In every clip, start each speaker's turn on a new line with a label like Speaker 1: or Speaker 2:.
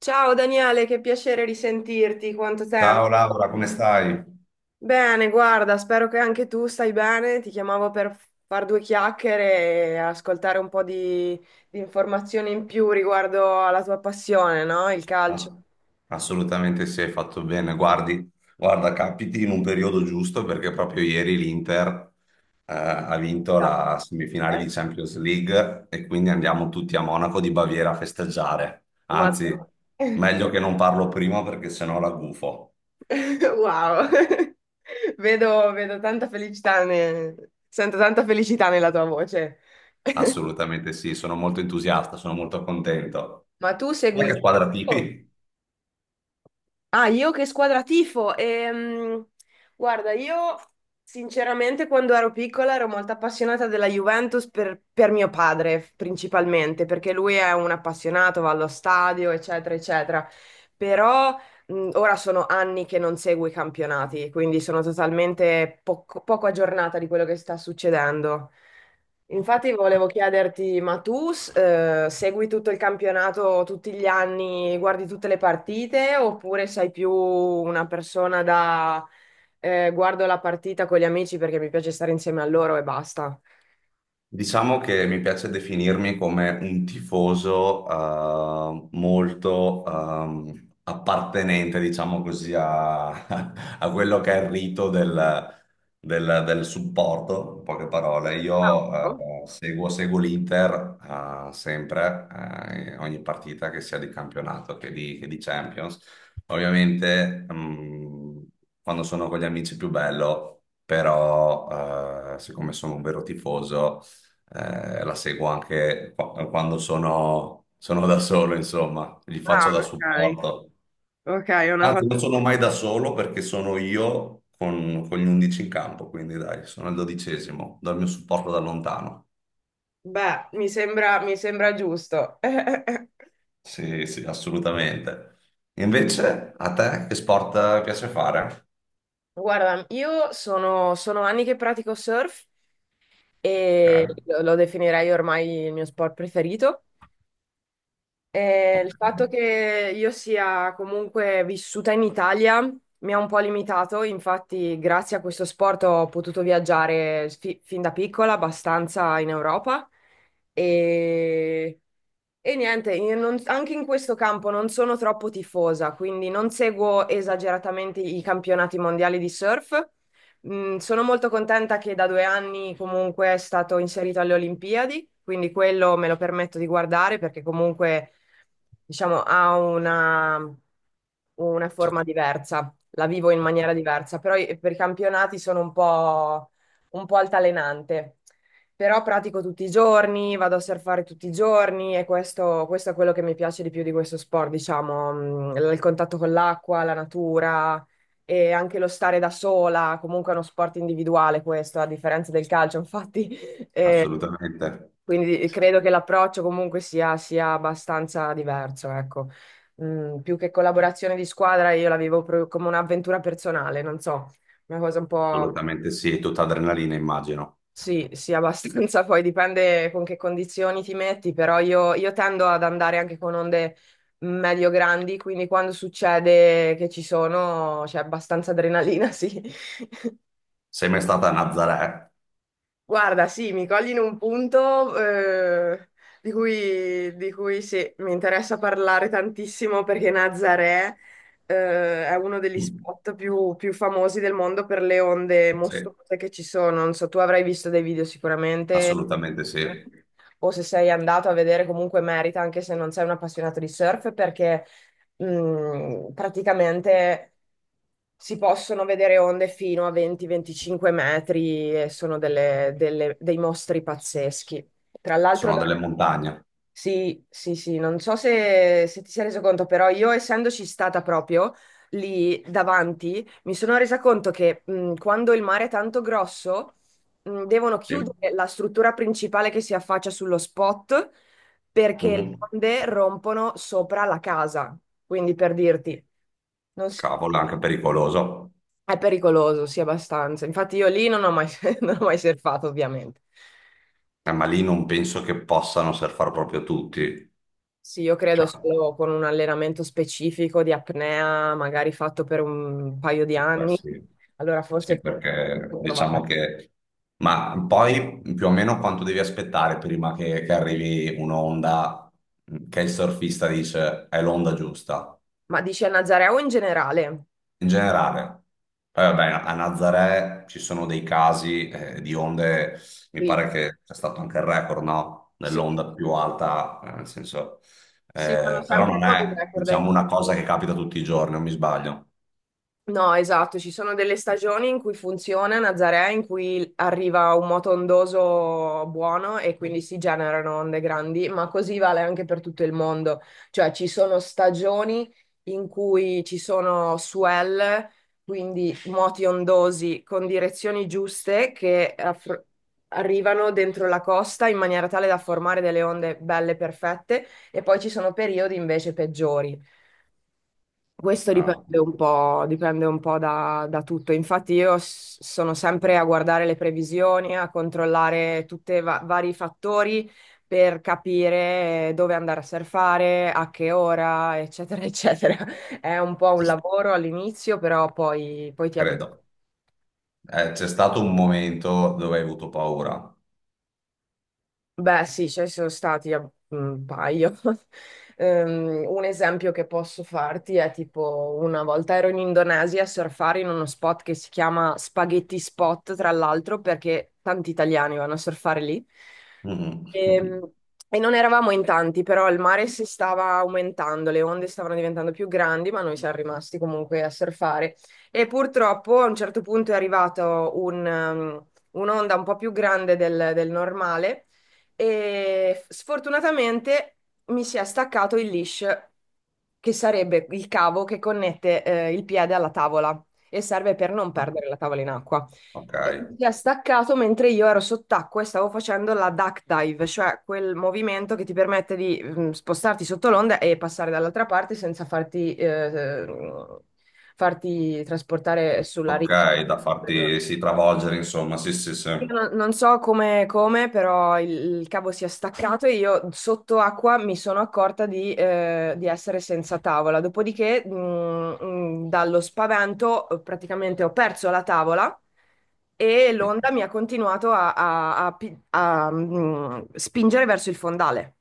Speaker 1: Ciao Daniele, che piacere risentirti, quanto
Speaker 2: Ciao
Speaker 1: tempo.
Speaker 2: Laura, come stai?
Speaker 1: Bene, guarda, spero che anche tu stai bene. Ti chiamavo per far due chiacchiere e ascoltare un po' di informazioni in più riguardo alla tua passione, no? Il calcio.
Speaker 2: Ass- Assolutamente sì, hai fatto bene. Guarda, capiti in un periodo giusto perché proprio ieri l'Inter ha vinto la semifinale di Champions League e quindi andiamo tutti a Monaco di Baviera a festeggiare.
Speaker 1: Ma-
Speaker 2: Anzi, meglio che non parlo prima perché sennò la gufo.
Speaker 1: Wow, vedo tanta felicità, sento tanta felicità nella tua voce.
Speaker 2: Assolutamente sì, sono molto entusiasta, sono molto contento.
Speaker 1: Ma tu
Speaker 2: E
Speaker 1: segui
Speaker 2: che
Speaker 1: il
Speaker 2: squadra
Speaker 1: calcio?
Speaker 2: tifi?
Speaker 1: Ah, io che squadra tifo? Guarda, io sinceramente quando ero piccola ero molto appassionata della Juventus per mio padre, principalmente, perché lui è un appassionato, va allo stadio, eccetera, eccetera. Però ora sono anni che non seguo i campionati, quindi sono totalmente poco aggiornata di quello che sta succedendo. Infatti volevo chiederti, ma tu segui tutto il campionato tutti gli anni, guardi tutte le partite, oppure sei più una persona da guardo la partita con gli amici perché mi piace stare insieme a loro e basta?
Speaker 2: Diciamo che mi piace definirmi come un tifoso molto appartenente, diciamo così, a, a quello che è il rito del, del supporto, in poche parole. Io
Speaker 1: Oh.
Speaker 2: seguo l'Inter sempre, in ogni partita che sia di campionato che di Champions. Ovviamente quando sono con gli amici è più bello, però siccome sono un vero tifoso la seguo anche quando sono da solo, insomma, gli
Speaker 1: Ah,
Speaker 2: faccio da
Speaker 1: ok.
Speaker 2: supporto.
Speaker 1: Ok, è una
Speaker 2: Anzi,
Speaker 1: cosa.
Speaker 2: non sono mai da solo perché sono io con gli 11 in campo, quindi dai, sono il dodicesimo, do il mio supporto da lontano.
Speaker 1: Beh, mi sembra giusto.
Speaker 2: Sì, sì, assolutamente. Invece, a te che sport piace fare?
Speaker 1: Guarda, io sono anni che pratico surf e
Speaker 2: Ok,
Speaker 1: lo definirei ormai il mio sport preferito. E il fatto
Speaker 2: ok,
Speaker 1: che io sia comunque vissuta in Italia mi ha un po' limitato, infatti grazie a questo sport ho potuto viaggiare fin da piccola abbastanza in Europa e, e niente, io non- anche in questo campo non sono troppo tifosa, quindi non seguo esageratamente i campionati mondiali di surf. Sono molto contenta che da 2 anni comunque è stato inserito alle Olimpiadi, quindi quello me lo permetto di guardare perché comunque diciamo, ha una forma diversa, la vivo in maniera diversa, però per i campionati sono un po' altalenante. Però pratico tutti i giorni, vado a surfare tutti i giorni e questo è quello che mi piace di più di questo sport, diciamo, il contatto con l'acqua, la natura e anche lo stare da sola, comunque è uno sport individuale questo, a differenza del calcio, infatti e
Speaker 2: assolutamente.
Speaker 1: quindi
Speaker 2: Sì,
Speaker 1: credo che l'approccio comunque sia abbastanza diverso, ecco. Più che collaborazione di squadra, io la vivo proprio come un'avventura personale, non so, una cosa un po'.
Speaker 2: assolutamente sì, è tutta adrenalina, immagino.
Speaker 1: Sì, sì, abbastanza, poi dipende con che condizioni ti metti, però io tendo ad andare anche con onde medio grandi, quindi quando succede che ci sono c'è abbastanza adrenalina, sì.
Speaker 2: Sei mai stata a Nazaré?
Speaker 1: Guarda, sì, mi cogli in un punto di cui, sì, mi interessa parlare tantissimo perché Nazaré è uno degli
Speaker 2: Mm.
Speaker 1: spot più famosi del mondo per le onde
Speaker 2: Sì,
Speaker 1: mostruose che ci sono. Non so, tu avrai visto dei video sicuramente,
Speaker 2: assolutamente sì.
Speaker 1: o se sei andato a vedere, comunque merita, anche se non sei un appassionato di surf, perché praticamente si possono vedere onde fino a 20-25 metri e sono dei mostri pazzeschi. Tra l'altro,
Speaker 2: Sono
Speaker 1: da-
Speaker 2: delle montagne.
Speaker 1: sì, sì, sì, non so se ti sei reso conto, però io essendoci stata proprio lì davanti, mi sono resa conto che quando il mare è tanto grosso, devono
Speaker 2: Sì.
Speaker 1: chiudere la struttura principale che si affaccia sullo spot perché le
Speaker 2: Mhm.
Speaker 1: onde rompono sopra la casa, quindi per dirti, non si-
Speaker 2: Cavolo, è anche pericoloso.
Speaker 1: è pericoloso, sì, abbastanza. Infatti io lì non ho mai, non ho mai surfato, ovviamente.
Speaker 2: Ma lì non penso che possano surfare proprio tutti.
Speaker 1: Sì, io credo
Speaker 2: Cioè,
Speaker 1: solo con un allenamento specifico di apnea, magari fatto per un paio di anni,
Speaker 2: questi-
Speaker 1: allora
Speaker 2: sì,
Speaker 1: forse
Speaker 2: sì, perché
Speaker 1: può
Speaker 2: diciamo
Speaker 1: provare.
Speaker 2: che... Ma poi più o meno quanto devi aspettare prima che arrivi un'onda che il surfista dice è l'onda giusta?
Speaker 1: Ma dici a Nazarea o in generale?
Speaker 2: In generale. Poi vabbè, a Nazaré ci sono dei casi di onde, mi
Speaker 1: Sì,
Speaker 2: pare che c'è stato anche il record, no?
Speaker 1: sì,
Speaker 2: Dell'onda più alta, nel senso,
Speaker 1: sì, fanno
Speaker 2: però
Speaker 1: sempre
Speaker 2: non
Speaker 1: nuovi
Speaker 2: è, diciamo,
Speaker 1: record.
Speaker 2: una cosa che capita tutti i giorni, non mi sbaglio.
Speaker 1: No, esatto, ci sono delle stagioni in cui funziona Nazaré, in cui arriva un moto ondoso buono e quindi si generano onde grandi, ma così vale anche per tutto il mondo. Cioè ci sono stagioni in cui ci sono swell, quindi moti ondosi con direzioni giuste che arrivano dentro la costa in maniera tale da formare delle onde belle perfette e poi ci sono periodi invece peggiori. Questo
Speaker 2: Ah,
Speaker 1: dipende un po' da tutto. Infatti io sono sempre a guardare le previsioni, a controllare tutti i vari fattori per capire dove andare a surfare, a che ora, eccetera, eccetera. È un po' un
Speaker 2: ci-
Speaker 1: lavoro all'inizio, però poi ti abitui.
Speaker 2: credo. C'è stato un momento dove hai avuto paura.
Speaker 1: Beh, sì, ce ne sono stati un paio. Un esempio che posso farti è tipo una volta ero in Indonesia a surfare in uno spot che si chiama Spaghetti Spot, tra l'altro, perché tanti italiani vanno a surfare lì. Ehm,
Speaker 2: Mhm.
Speaker 1: E, non eravamo in tanti, però il mare si stava aumentando, le onde stavano diventando più grandi, ma noi siamo rimasti comunque a surfare. E purtroppo a un certo punto è arrivato un'onda un po' più grande del normale e sfortunatamente mi si è staccato il leash, che sarebbe il cavo che connette il piede alla tavola e serve per non perdere la tavola in acqua.
Speaker 2: Ok,
Speaker 1: E mi si è staccato mentre io ero sott'acqua e stavo facendo la duck dive, cioè quel movimento che ti permette di spostarti sotto l'onda e passare dall'altra parte senza farti trasportare sulla riva.
Speaker 2: ok, da farti sì, travolgere, insomma, sì, sì, sì.
Speaker 1: Io non so come, però il cavo si è staccato e io sotto acqua mi sono accorta di essere senza tavola. Dopodiché, dallo spavento, praticamente ho perso la tavola e l'onda mi ha continuato a, spingere verso il fondale.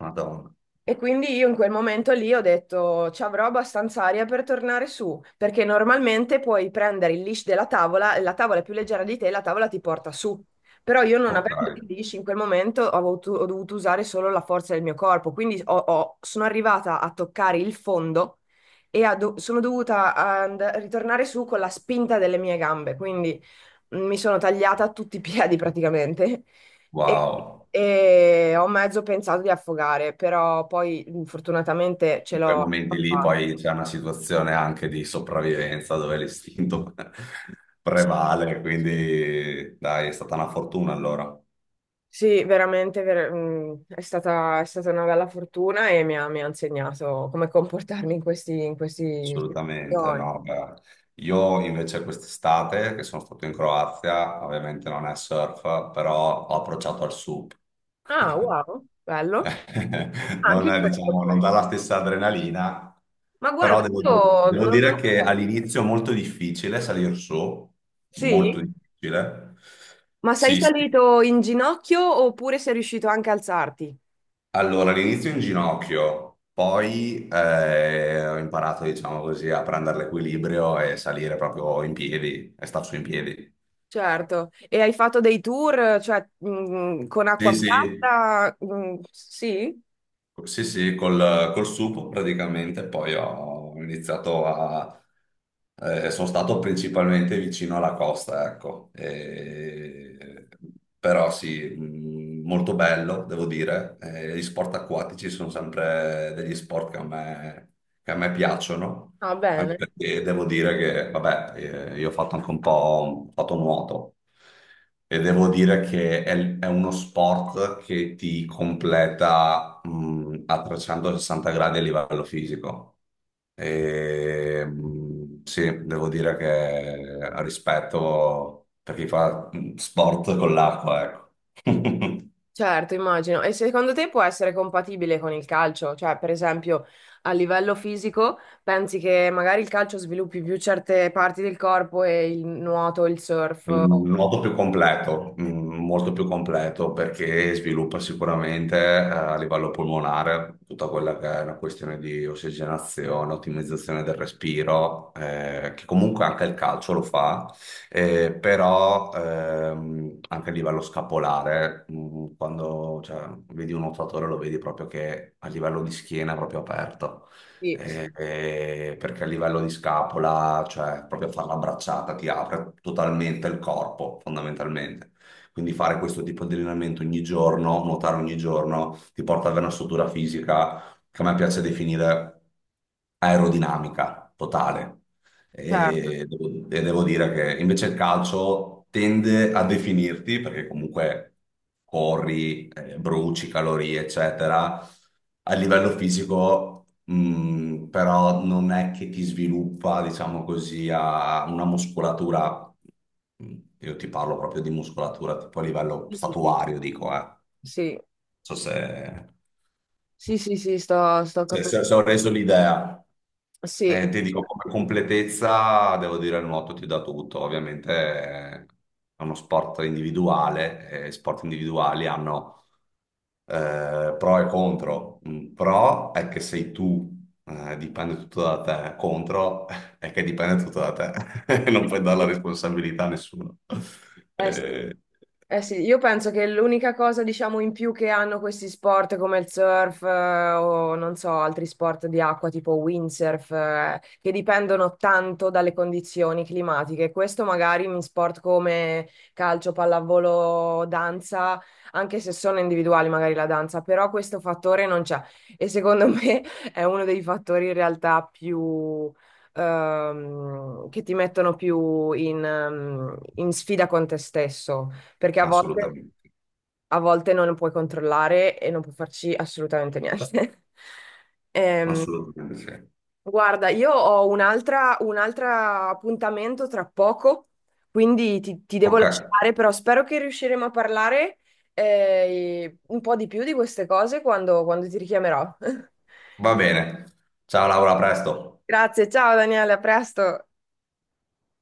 Speaker 2: Madonna.
Speaker 1: E quindi io in quel momento lì ho detto ci avrò abbastanza aria per tornare su, perché normalmente puoi prendere il leash della tavola e la tavola è più leggera di te e la tavola ti porta su. Però io non
Speaker 2: Ok,
Speaker 1: avendo il leash in quel momento ho dovuto usare solo la forza del mio corpo, quindi sono arrivata a toccare il fondo e sono dovuta ritornare su con la spinta delle mie gambe, quindi mi sono tagliata tutti i piedi praticamente e,
Speaker 2: wow.
Speaker 1: e ho mezzo pensato di affogare, però poi fortunatamente ce
Speaker 2: In quei
Speaker 1: l'ho
Speaker 2: momenti lì
Speaker 1: fatta.
Speaker 2: poi c'è una situazione anche di sopravvivenza dove l'istinto
Speaker 1: Sì,
Speaker 2: prevale,
Speaker 1: sì.
Speaker 2: quindi dai, è stata una fortuna allora,
Speaker 1: Sì, veramente è stata, una bella fortuna e mi ha insegnato come comportarmi in questi
Speaker 2: assolutamente,
Speaker 1: situazioni.
Speaker 2: no, beh. Io invece quest'estate, che sono stato in Croazia, ovviamente non è surf, però ho approcciato al SUP.
Speaker 1: Ah, wow, bello.
Speaker 2: Non,
Speaker 1: Anche
Speaker 2: è,
Speaker 1: quello
Speaker 2: diciamo, non
Speaker 1: poi.
Speaker 2: dà la stessa adrenalina,
Speaker 1: Ma
Speaker 2: però
Speaker 1: guarda,
Speaker 2: devo,
Speaker 1: io
Speaker 2: devo
Speaker 1: non...
Speaker 2: dire
Speaker 1: non-
Speaker 2: che all'inizio è molto difficile salire su,
Speaker 1: Sì?
Speaker 2: molto difficile.
Speaker 1: Ma sei
Speaker 2: Sì, sì.
Speaker 1: salito in ginocchio oppure sei riuscito anche a alzarti?
Speaker 2: Allora, all'inizio in ginocchio, poi ho imparato, diciamo così, a prendere l'equilibrio e salire proprio in piedi e star su in piedi.
Speaker 1: Certo, e hai fatto dei tour, cioè, con
Speaker 2: Sì,
Speaker 1: acqua
Speaker 2: sì,
Speaker 1: piatta? Sì?
Speaker 2: sì, sì, col sugo praticamente poi ho iniziato a... sono stato principalmente vicino alla costa, ecco. E- Però sì, molto bello, devo dire. Gli sport acquatici sono sempre degli sport che a me piacciono,
Speaker 1: Ah,
Speaker 2: anche
Speaker 1: bene.
Speaker 2: perché devo dire che, vabbè, io ho fatto anche un po' ho fatto nuoto. E devo dire che è uno sport che ti completa, a 360 gradi a livello fisico. E, sì, devo dire che rispetto per chi fa sport con l'acqua, ecco.
Speaker 1: Certo, immagino. E secondo te può essere compatibile con il calcio? Cioè, per esempio, a livello fisico, pensi che magari il calcio sviluppi più certe parti del corpo e il nuoto, il surf?
Speaker 2: In modo più completo, mm, molto più completo, perché sviluppa sicuramente a livello pulmonare tutta quella che è una questione di ossigenazione, ottimizzazione del respiro, che comunque anche il calcio lo fa, però anche a livello scapolare, mm, quando cioè, vedi un nuotatore lo vedi proprio che a livello di schiena è proprio aperto
Speaker 1: Sì, sì, sì.
Speaker 2: perché a livello di scapola, cioè proprio fare la bracciata ti apre totalmente il corpo, fondamentalmente. Quindi fare questo tipo di allenamento ogni giorno, nuotare ogni giorno, ti porta ad avere una struttura fisica che a me piace definire aerodinamica totale.
Speaker 1: Certo.
Speaker 2: E devo dire che invece il calcio tende a definirti, perché comunque corri, bruci calorie, eccetera a livello fisico, però non è che ti sviluppa, diciamo così, a una muscolatura. Mh, io ti parlo proprio di muscolatura, tipo a livello
Speaker 1: Sì, sì, sì.
Speaker 2: statuario, dico, eh. Non
Speaker 1: Sì,
Speaker 2: so
Speaker 1: sì, sì, sì, sto capendo.
Speaker 2: se ho reso l'idea.
Speaker 1: Sì.
Speaker 2: Ti dico, come completezza devo dire il nuoto ti dà tutto, ovviamente è uno sport individuale, e sport individuali hanno pro e contro. Un pro è che sei tu, dipende tutto da te, contro è che dipende tutto da te, non puoi dare la responsabilità a nessuno.
Speaker 1: Sì.
Speaker 2: Eh,
Speaker 1: Eh sì, io penso che l'unica cosa, diciamo, in più che hanno questi sport come il surf, o non so, altri sport di acqua tipo windsurf, che dipendono tanto dalle condizioni climatiche. Questo magari in sport come calcio, pallavolo, danza, anche se sono individuali magari la danza, però questo fattore non c'è. E secondo me è uno dei fattori in realtà più che ti mettono più in sfida con te stesso perché
Speaker 2: assolutamente,
Speaker 1: a volte non puoi controllare e non puoi farci assolutamente niente. Ehm,
Speaker 2: assolutamente sì.
Speaker 1: guarda, io ho un altro appuntamento tra poco, quindi ti devo
Speaker 2: Ok,
Speaker 1: lasciare, però spero che riusciremo a parlare un po' di più di queste cose quando ti richiamerò.
Speaker 2: va bene. Ciao Laura, a presto.
Speaker 1: Grazie, ciao Daniele, a presto.